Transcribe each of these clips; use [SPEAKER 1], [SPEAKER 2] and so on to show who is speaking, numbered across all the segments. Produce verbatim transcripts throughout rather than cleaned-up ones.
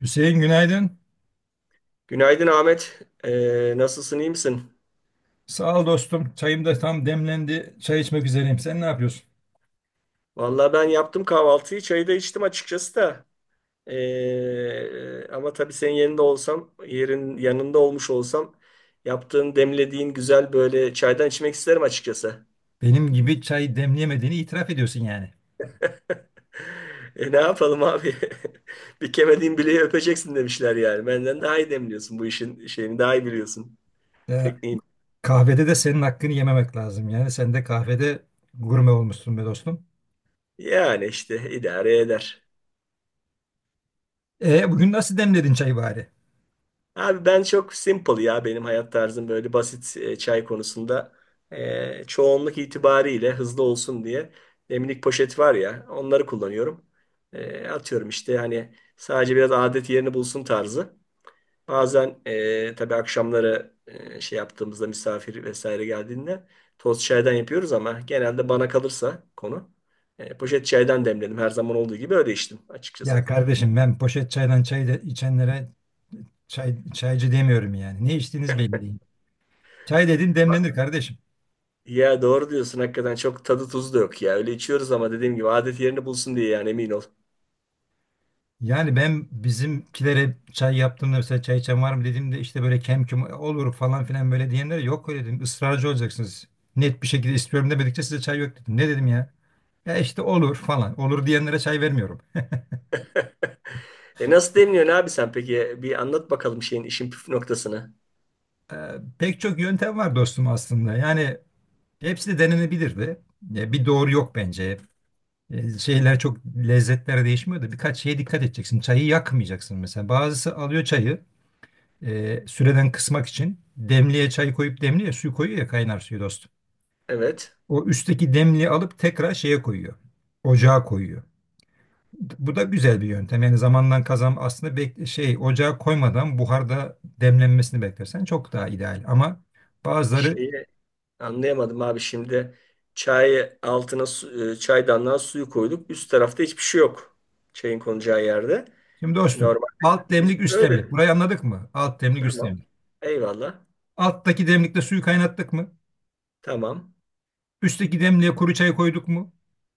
[SPEAKER 1] Hüseyin, günaydın.
[SPEAKER 2] Günaydın Ahmet. Ee, nasılsın, iyi misin?
[SPEAKER 1] Sağ ol dostum. Çayım da tam demlendi. Çay içmek üzereyim. Sen ne yapıyorsun?
[SPEAKER 2] Vallahi ben yaptım kahvaltıyı, çayı da içtim açıkçası da. Ee, ama tabii senin yerinde olsam, yerin yanında olmuş olsam, yaptığın, demlediğin güzel böyle çaydan içmek isterim açıkçası.
[SPEAKER 1] Benim gibi çay demleyemediğini itiraf ediyorsun yani.
[SPEAKER 2] E, ne yapalım abi? Bir kemediğin bileği öpeceksin demişler yani. Benden daha iyi demliyorsun bu işin şeyini, daha iyi biliyorsun
[SPEAKER 1] Ya,
[SPEAKER 2] tekniğini.
[SPEAKER 1] kahvede de senin hakkını yememek lazım. Yani sen de kahvede gurme olmuşsun be dostum.
[SPEAKER 2] Yani işte idare eder.
[SPEAKER 1] E, bugün nasıl demledin çayı bari?
[SPEAKER 2] Abi ben çok simple ya, benim hayat tarzım böyle basit e, çay konusunda. E, çoğunluk itibariyle hızlı olsun diye demlik poşet var ya, onları kullanıyorum. E, atıyorum işte, hani sadece biraz adet yerini bulsun tarzı. Bazen e, tabii akşamları e, şey yaptığımızda, misafir vesaire geldiğinde toz çaydan yapıyoruz, ama genelde bana kalırsa konu e, poşet çaydan demledim, her zaman olduğu gibi öyle içtim
[SPEAKER 1] Ya
[SPEAKER 2] açıkçası.
[SPEAKER 1] kardeşim, ben poşet çaydan çay de içenlere çay, çaycı demiyorum yani. Ne içtiğiniz belli değil. Çay dedin, demlenir kardeşim.
[SPEAKER 2] Ya doğru diyorsun, hakikaten çok tadı tuzu da yok ya. Öyle içiyoruz ama dediğim gibi adet yerini bulsun diye yani, emin ol.
[SPEAKER 1] Yani ben bizimkilere çay yaptığımda mesela çay içen var mı dediğimde işte böyle kem küm olur falan filan böyle diyenlere yok öyle dedim. Israrcı olacaksınız. Net bir şekilde istiyorum demedikçe size çay yok dedim. Ne dedim ya? Ya işte olur falan. Olur diyenlere çay vermiyorum.
[SPEAKER 2] E, nasıl demliyorsun abi sen peki? Bir anlat bakalım şeyin, işin püf noktasını.
[SPEAKER 1] Ee, pek çok yöntem var dostum aslında. Yani hepsi de denenebilirdi. Ya bir doğru yok bence. Ee, şeyler çok, lezzetler değişmiyor da birkaç şeye dikkat edeceksin. Çayı yakmayacaksın mesela. Bazısı alıyor çayı. e, süreden kısmak için demliğe çay koyup demliğe su koyuyor ya, kaynar suyu dostum.
[SPEAKER 2] Evet.
[SPEAKER 1] O üstteki demliği alıp tekrar şeye koyuyor. Ocağa koyuyor. Bu da güzel bir yöntem. Yani zamandan kazan aslında, bek şey ocağa koymadan buharda demlenmesini beklersen çok daha ideal. Ama bazıları.
[SPEAKER 2] Şeyi anlayamadım abi şimdi. Çayı altına su, e, çaydanlığa suyu koyduk. Üst tarafta hiçbir şey yok. Çayın konacağı yerde.
[SPEAKER 1] Şimdi dostum,
[SPEAKER 2] Normal.
[SPEAKER 1] alt
[SPEAKER 2] Biz
[SPEAKER 1] demlik üst demlik.
[SPEAKER 2] öyle.
[SPEAKER 1] Burayı anladık mı? Alt demlik, üst
[SPEAKER 2] Tamam.
[SPEAKER 1] demlik.
[SPEAKER 2] Eyvallah.
[SPEAKER 1] Alttaki demlikte suyu kaynattık mı?
[SPEAKER 2] Tamam.
[SPEAKER 1] Üstteki demliğe kuru çay koyduk mu?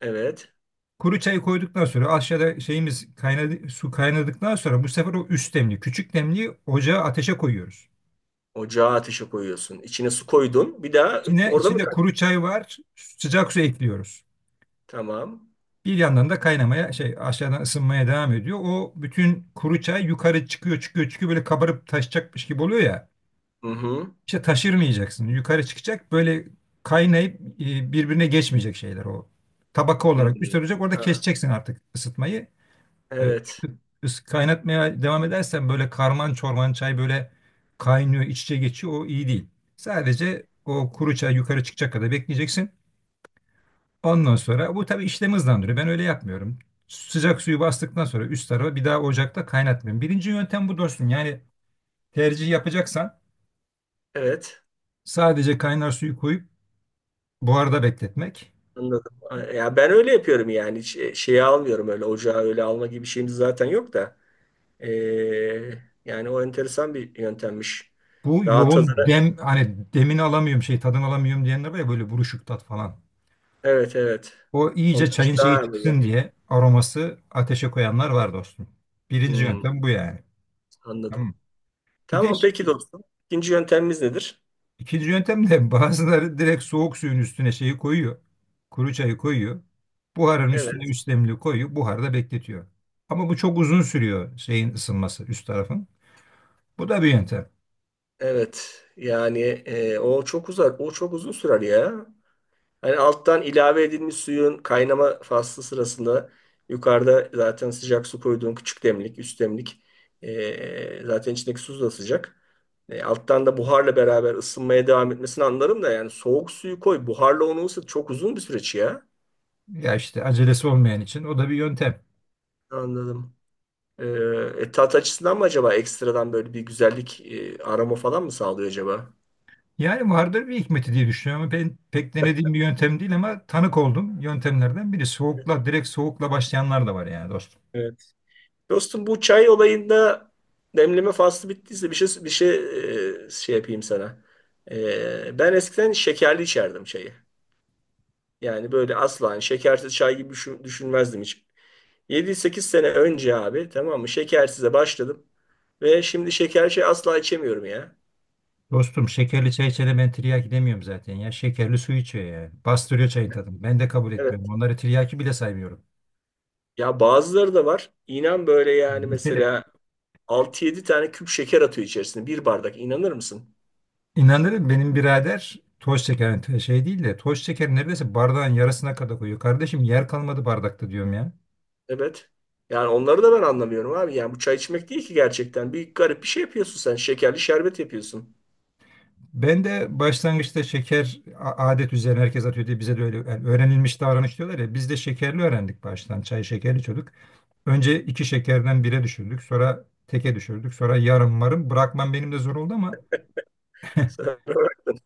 [SPEAKER 2] Evet.
[SPEAKER 1] Kuru çayı koyduktan sonra aşağıda şeyimiz kaynadı, su kaynadıktan sonra bu sefer o üst demli, küçük demliği ocağa, ateşe koyuyoruz.
[SPEAKER 2] Ocağa ateşe koyuyorsun. İçine su koydun. Bir daha e,
[SPEAKER 1] İçine,
[SPEAKER 2] orada mı
[SPEAKER 1] içinde
[SPEAKER 2] kal?
[SPEAKER 1] kuru çay var, sıcak su ekliyoruz.
[SPEAKER 2] Tamam.
[SPEAKER 1] Bir yandan da kaynamaya şey, aşağıdan ısınmaya devam ediyor. O bütün kuru çay yukarı çıkıyor, çıkıyor, çıkıyor, böyle kabarıp taşacakmış gibi oluyor ya.
[SPEAKER 2] Hı hı.
[SPEAKER 1] İşte taşırmayacaksın. Yukarı çıkacak böyle kaynayıp e, birbirine geçmeyecek şeyler o. Tabaka
[SPEAKER 2] Hı
[SPEAKER 1] olarak
[SPEAKER 2] hı.
[SPEAKER 1] üstte olacak, orada
[SPEAKER 2] Ha,
[SPEAKER 1] keseceksin artık ısıtmayı. E,
[SPEAKER 2] evet.
[SPEAKER 1] Çünkü ıs- kaynatmaya devam edersen böyle karman çorman çay böyle kaynıyor, iç içe geçiyor. O iyi değil. Sadece o kuru çay yukarı çıkacak kadar bekleyeceksin. Ondan sonra bu tabii işlemi hızlandırıyor. Ben öyle yapmıyorum. Sıcak suyu bastıktan sonra üst tarafa bir daha ocakta kaynatmıyorum. Birinci yöntem bu dostum. Yani tercih yapacaksan
[SPEAKER 2] Evet.
[SPEAKER 1] sadece kaynar suyu koyup buharda bekletmek.
[SPEAKER 2] Anladım. Ya ben öyle yapıyorum yani. Hiç e, şeyi almıyorum öyle. Ocağa öyle alma gibi şeyimiz zaten yok da. Ee, yani o enteresan bir yöntemmiş.
[SPEAKER 1] Bu
[SPEAKER 2] Daha tadını.
[SPEAKER 1] yoğun dem, hani demini alamıyorum, şey, tadını alamıyorum diyenler var ya, böyle buruşuk tat falan.
[SPEAKER 2] Evet, evet.
[SPEAKER 1] O
[SPEAKER 2] Onun
[SPEAKER 1] iyice
[SPEAKER 2] için
[SPEAKER 1] çayın şeyi
[SPEAKER 2] daha
[SPEAKER 1] çıksın
[SPEAKER 2] iyi.
[SPEAKER 1] diye, aroması, ateşe koyanlar var dostum. Birinci
[SPEAKER 2] Hmm,
[SPEAKER 1] yöntem bu yani. Tamam.
[SPEAKER 2] anladım.
[SPEAKER 1] Bir de
[SPEAKER 2] Tamam
[SPEAKER 1] ş-
[SPEAKER 2] peki dostum. İkinci yöntemimiz nedir?
[SPEAKER 1] ikinci yöntem de bazıları direkt soğuk suyun üstüne şeyi koyuyor. Kuru çayı koyuyor. Buharın üstüne
[SPEAKER 2] Evet.
[SPEAKER 1] üç demli koyuyor. Buharda bekletiyor. Ama bu çok uzun sürüyor, şeyin ısınması, üst tarafın. Bu da bir yöntem.
[SPEAKER 2] Evet yani e, o çok uzak o çok uzun sürer ya. Hani alttan ilave edilmiş suyun kaynama faslı sırasında, yukarıda zaten sıcak su koyduğun küçük demlik, üst demlik e, zaten içindeki su da sıcak. E, alttan da buharla beraber ısınmaya devam etmesini anlarım da, yani soğuk suyu koy, buharla onu ısıt, çok uzun bir süreç ya.
[SPEAKER 1] Ya işte acelesi olmayan için o da bir yöntem.
[SPEAKER 2] Anladım. E, e, tat açısından mı acaba ekstradan böyle bir güzellik, e, aroma falan mı sağlıyor acaba?
[SPEAKER 1] Yani vardır bir hikmeti diye düşünüyorum. Ben pek denediğim bir yöntem değil ama tanık oldum yöntemlerden biri. Soğukla, direkt soğukla başlayanlar da var yani dostum.
[SPEAKER 2] Dostum, bu çay olayında demleme faslı bittiyse bir şey, bir şey e, şey yapayım sana. E, ben eskiden şekerli içerdim çayı. Yani böyle asla, hani şekersiz çay gibi düşün- düşünmezdim hiç. Yedi sekiz sene önce abi, tamam mı, şekersize başladım ve şimdi şekerli çay asla içemiyorum ya.
[SPEAKER 1] Dostum, şekerli çay içene ben tiryaki demiyorum zaten ya. Şekerli su içiyor yani. Bastırıyor çayın tadını. Ben de kabul
[SPEAKER 2] Evet.
[SPEAKER 1] etmiyorum. Onları tiryaki bile saymıyorum.
[SPEAKER 2] Ya bazıları da var. İnan böyle yani, mesela altı yedi tane küp şeker atıyor içerisine bir bardak, inanır mısın?
[SPEAKER 1] İnanırım, benim birader toz şeker, şey değil de, toz şeker neredeyse bardağın yarısına kadar koyuyor. Kardeşim, yer kalmadı bardakta diyorum ya.
[SPEAKER 2] Evet. Yani onları da ben anlamıyorum abi. Yani bu çay içmek değil ki gerçekten. Bir garip bir şey yapıyorsun sen. Şekerli şerbet yapıyorsun.
[SPEAKER 1] Ben de başlangıçta şeker a- adet üzerine herkes atıyor diye bize de öyle, yani öğrenilmiş davranış diyorlar ya, biz de şekerli öğrendik, baştan çay şekerli içiyorduk. Önce iki şekerden bire düşürdük, sonra teke düşürdük, sonra yarım marım, bırakmam benim de zor oldu ama
[SPEAKER 2] Sen bıraktın.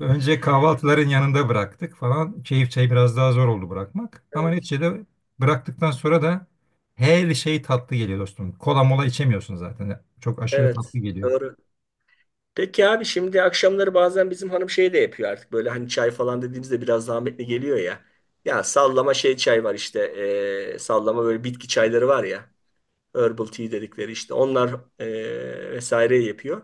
[SPEAKER 1] önce kahvaltıların yanında bıraktık falan, keyif çayı biraz daha zor oldu bırakmak ama
[SPEAKER 2] Evet.
[SPEAKER 1] neticede bıraktıktan sonra da her şey tatlı geliyor dostum, kola mola içemiyorsun zaten, çok aşırı tatlı
[SPEAKER 2] Evet.
[SPEAKER 1] geliyor.
[SPEAKER 2] Doğru. Peki abi, şimdi akşamları bazen bizim hanım şey de yapıyor artık. Böyle hani çay falan dediğimizde biraz zahmetli geliyor ya. Ya sallama şey çay var işte. eee, sallama böyle bitki çayları var ya. Herbal tea dedikleri işte onlar e, vesaire yapıyor.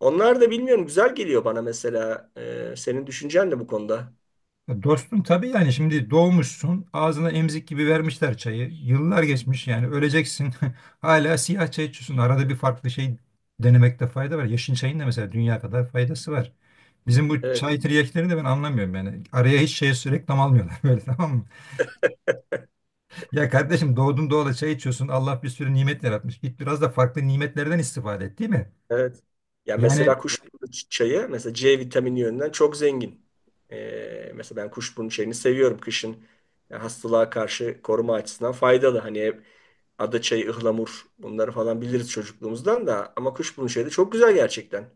[SPEAKER 2] Onlar da, bilmiyorum, güzel geliyor bana mesela. E, senin düşüncen de bu konuda.
[SPEAKER 1] Ya dostum, tabii yani, şimdi doğmuşsun, ağzına emzik gibi vermişler çayı. Yıllar geçmiş yani, öleceksin. Hala siyah çay içiyorsun. Arada bir farklı şey denemekte fayda var. Yeşil çayın da mesela dünya kadar faydası var. Bizim bu
[SPEAKER 2] Evet,
[SPEAKER 1] çay tiryakları de ben anlamıyorum yani. Araya hiç şey, reklam almıyorlar böyle, tamam mı? Ya kardeşim, doğdun doğalı çay içiyorsun. Allah bir sürü nimet yaratmış. Git biraz da farklı nimetlerden istifade et, değil mi?
[SPEAKER 2] evet. Ya
[SPEAKER 1] Yani
[SPEAKER 2] mesela kuşburnu çayı mesela ce vitamini yönünden çok zengin. E, mesela ben kuşburnu çayını seviyorum kışın. Ya hastalığa karşı koruma açısından faydalı. Hani hep ada çayı, ıhlamur, bunları falan biliriz çocukluğumuzdan da, ama kuşburnu çayı da çok güzel gerçekten.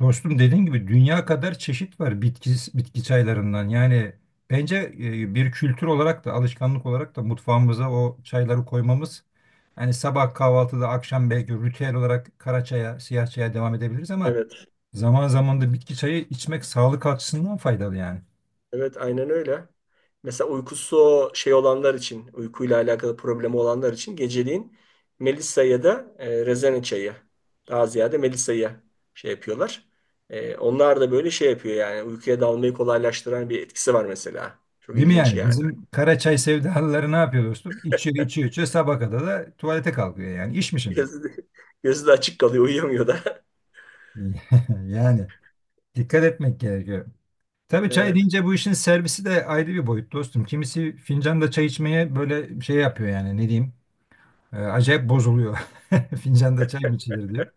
[SPEAKER 1] dostum, dediğin gibi dünya kadar çeşit var, bitki, bitki çaylarından. Yani bence e, bir kültür olarak da, alışkanlık olarak da mutfağımıza o çayları koymamız, hani sabah kahvaltıda, akşam belki ritüel olarak kara çaya, siyah çaya devam edebiliriz ama
[SPEAKER 2] Evet.
[SPEAKER 1] zaman zaman da bitki çayı içmek sağlık açısından faydalı yani.
[SPEAKER 2] Evet aynen öyle. Mesela uykusu şey olanlar için, uykuyla alakalı problemi olanlar için geceliğin Melisa ya da e, rezene çayı. Daha ziyade Melisa'yı şey yapıyorlar. E, onlar da böyle şey yapıyor yani, uykuya dalmayı kolaylaştıran bir etkisi var mesela. Çok
[SPEAKER 1] Değil mi
[SPEAKER 2] ilginç
[SPEAKER 1] yani?
[SPEAKER 2] yani.
[SPEAKER 1] Bizim kara çay sevdalıları ne yapıyor dostum? İçiyor, içiyor, içiyor. Sabaha kadar da tuvalete kalkıyor yani. İş mi şimdi?
[SPEAKER 2] Gözü de, gözü de açık kalıyor, uyuyamıyor da.
[SPEAKER 1] Yani dikkat etmek gerekiyor. Tabii çay
[SPEAKER 2] Evet,
[SPEAKER 1] deyince bu işin servisi de ayrı bir boyut dostum. Kimisi fincanda çay içmeye böyle şey yapıyor, yani ne diyeyim. e, acayip bozuluyor. Fincanda çay mı içilir diyor.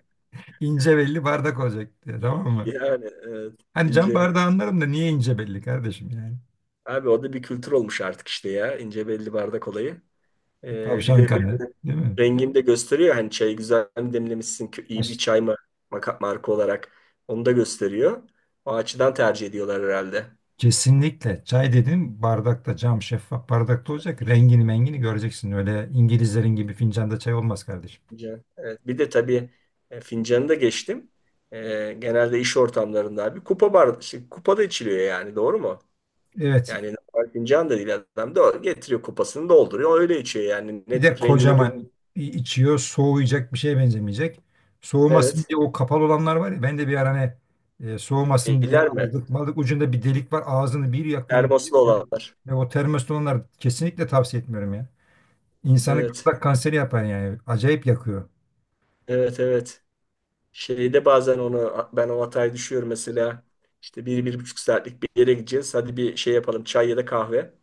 [SPEAKER 1] İnce belli bardak olacak diyor, tamam mı?
[SPEAKER 2] yani evet,
[SPEAKER 1] Hani cam
[SPEAKER 2] ince.
[SPEAKER 1] bardağı anlarım da niye ince belli kardeşim yani.
[SPEAKER 2] Abi o da bir kültür olmuş artık işte ya, ince belli bardak olayı.
[SPEAKER 1] E,
[SPEAKER 2] E, bir
[SPEAKER 1] tavşan
[SPEAKER 2] de
[SPEAKER 1] kanı değil mi?
[SPEAKER 2] rengini de gösteriyor. Hani çayı güzel mi demlemişsin, kö- iyi bir
[SPEAKER 1] Aş-
[SPEAKER 2] çay mı, maka- marka olarak onu da gösteriyor. O açıdan tercih ediyorlar herhalde.
[SPEAKER 1] Kesinlikle çay dedim, bardakta, cam şeffaf bardakta olacak. Rengini mengini göreceksin, öyle İngilizlerin gibi fincanda çay olmaz kardeşim.
[SPEAKER 2] Fincan. Evet. Bir de tabii e, fincanı da geçtim. E, genelde iş ortamlarında abi kupa bar, şey, kupada içiliyor yani, doğru mu?
[SPEAKER 1] Evet.
[SPEAKER 2] Yani normal fincan da değil, adam da getiriyor kupasını dolduruyor, öyle içiyor yani,
[SPEAKER 1] Bir de
[SPEAKER 2] net rengini gö-
[SPEAKER 1] kocaman içiyor. Soğuyacak bir şeye benzemeyecek. Soğumasın
[SPEAKER 2] Evet.
[SPEAKER 1] diye o kapalı olanlar var ya. Ben de bir ara hani, e, soğumasın diye
[SPEAKER 2] Şeyler mi?
[SPEAKER 1] aldık. Malık ucunda bir delik var. Ağzını bir yakıyor. Bir
[SPEAKER 2] Termoslu
[SPEAKER 1] yakıyor.
[SPEAKER 2] olanlar.
[SPEAKER 1] Ve o termos olanlar, kesinlikle tavsiye etmiyorum ya. İnsanı
[SPEAKER 2] Evet.
[SPEAKER 1] gırtlak kanseri yapar yani. Acayip yakıyor.
[SPEAKER 2] Evet, evet. Şeyde bazen onu ben, o hataya düşüyorum mesela. İşte bir, bir buçuk saatlik bir yere gideceğiz. Hadi bir şey yapalım, çay ya da kahve.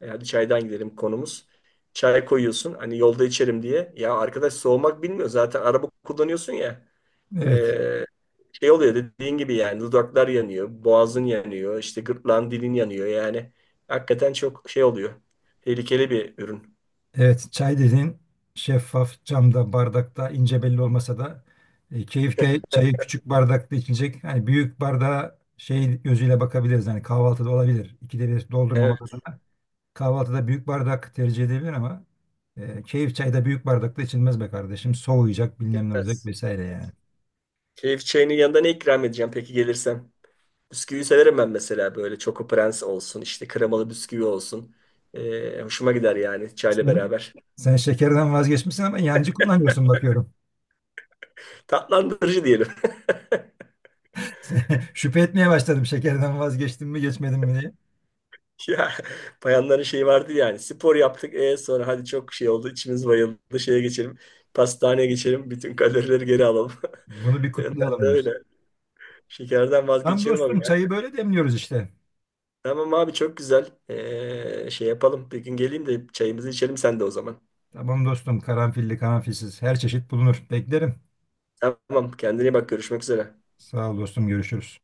[SPEAKER 2] E, hadi çaydan gidelim konumuz. Çay koyuyorsun hani yolda içerim diye. Ya arkadaş, soğumak bilmiyor, zaten araba kullanıyorsun ya.
[SPEAKER 1] Evet.
[SPEAKER 2] E, şey oluyor dediğin gibi yani, dudaklar yanıyor, boğazın yanıyor, işte gırtlağın, dilin yanıyor yani. Hakikaten çok şey oluyor. Tehlikeli bir ürün.
[SPEAKER 1] Evet, çay dedin şeffaf camda, bardakta, ince belli olmasa da e, keyif ke- çayı
[SPEAKER 2] Evet.
[SPEAKER 1] küçük bardakta içilecek. Hani büyük bardağa şey gözüyle bakabiliriz. Hani kahvaltıda olabilir. İkide bir doldurmamak
[SPEAKER 2] Evet.
[SPEAKER 1] adına. Kahvaltıda büyük bardak tercih edilebilir ama e, keyif çayda büyük bardakta içilmez be kardeşim. Soğuyacak, bilmem ne olacak vesaire yani.
[SPEAKER 2] Keyif çayının yanında ne ikram edeceğim peki gelirsem? Bisküvi severim ben mesela, böyle Choco Prens olsun, işte kremalı bisküvi olsun. Ee, hoşuma gider yani çayla
[SPEAKER 1] Sen,
[SPEAKER 2] beraber.
[SPEAKER 1] sen şekerden vazgeçmişsin ama yancı kullanıyorsun bakıyorum.
[SPEAKER 2] Tatlandırıcı diyelim.
[SPEAKER 1] Şüphe etmeye başladım, şekerden vazgeçtim mi geçmedim mi diye.
[SPEAKER 2] Ya bayanların şeyi vardı yani, spor yaptık, e sonra hadi çok şey oldu, içimiz bayıldı, şeye geçelim, pastaneye geçelim, bütün kalorileri geri alalım.
[SPEAKER 1] Bunu bir
[SPEAKER 2] Ben
[SPEAKER 1] kutlayalım.
[SPEAKER 2] de öyle şekerden
[SPEAKER 1] Tamam
[SPEAKER 2] vazgeçiyorum abi
[SPEAKER 1] dostum,
[SPEAKER 2] ya.
[SPEAKER 1] çayı böyle demliyoruz işte.
[SPEAKER 2] Tamam abi, çok güzel. Ee, şey yapalım, bir gün geleyim de çayımızı içelim sen de o zaman.
[SPEAKER 1] Tamam dostum, karanfilli karanfilsiz her çeşit bulunur. Beklerim.
[SPEAKER 2] Tamam, kendine iyi bak, görüşmek üzere.
[SPEAKER 1] Sağ ol dostum, görüşürüz.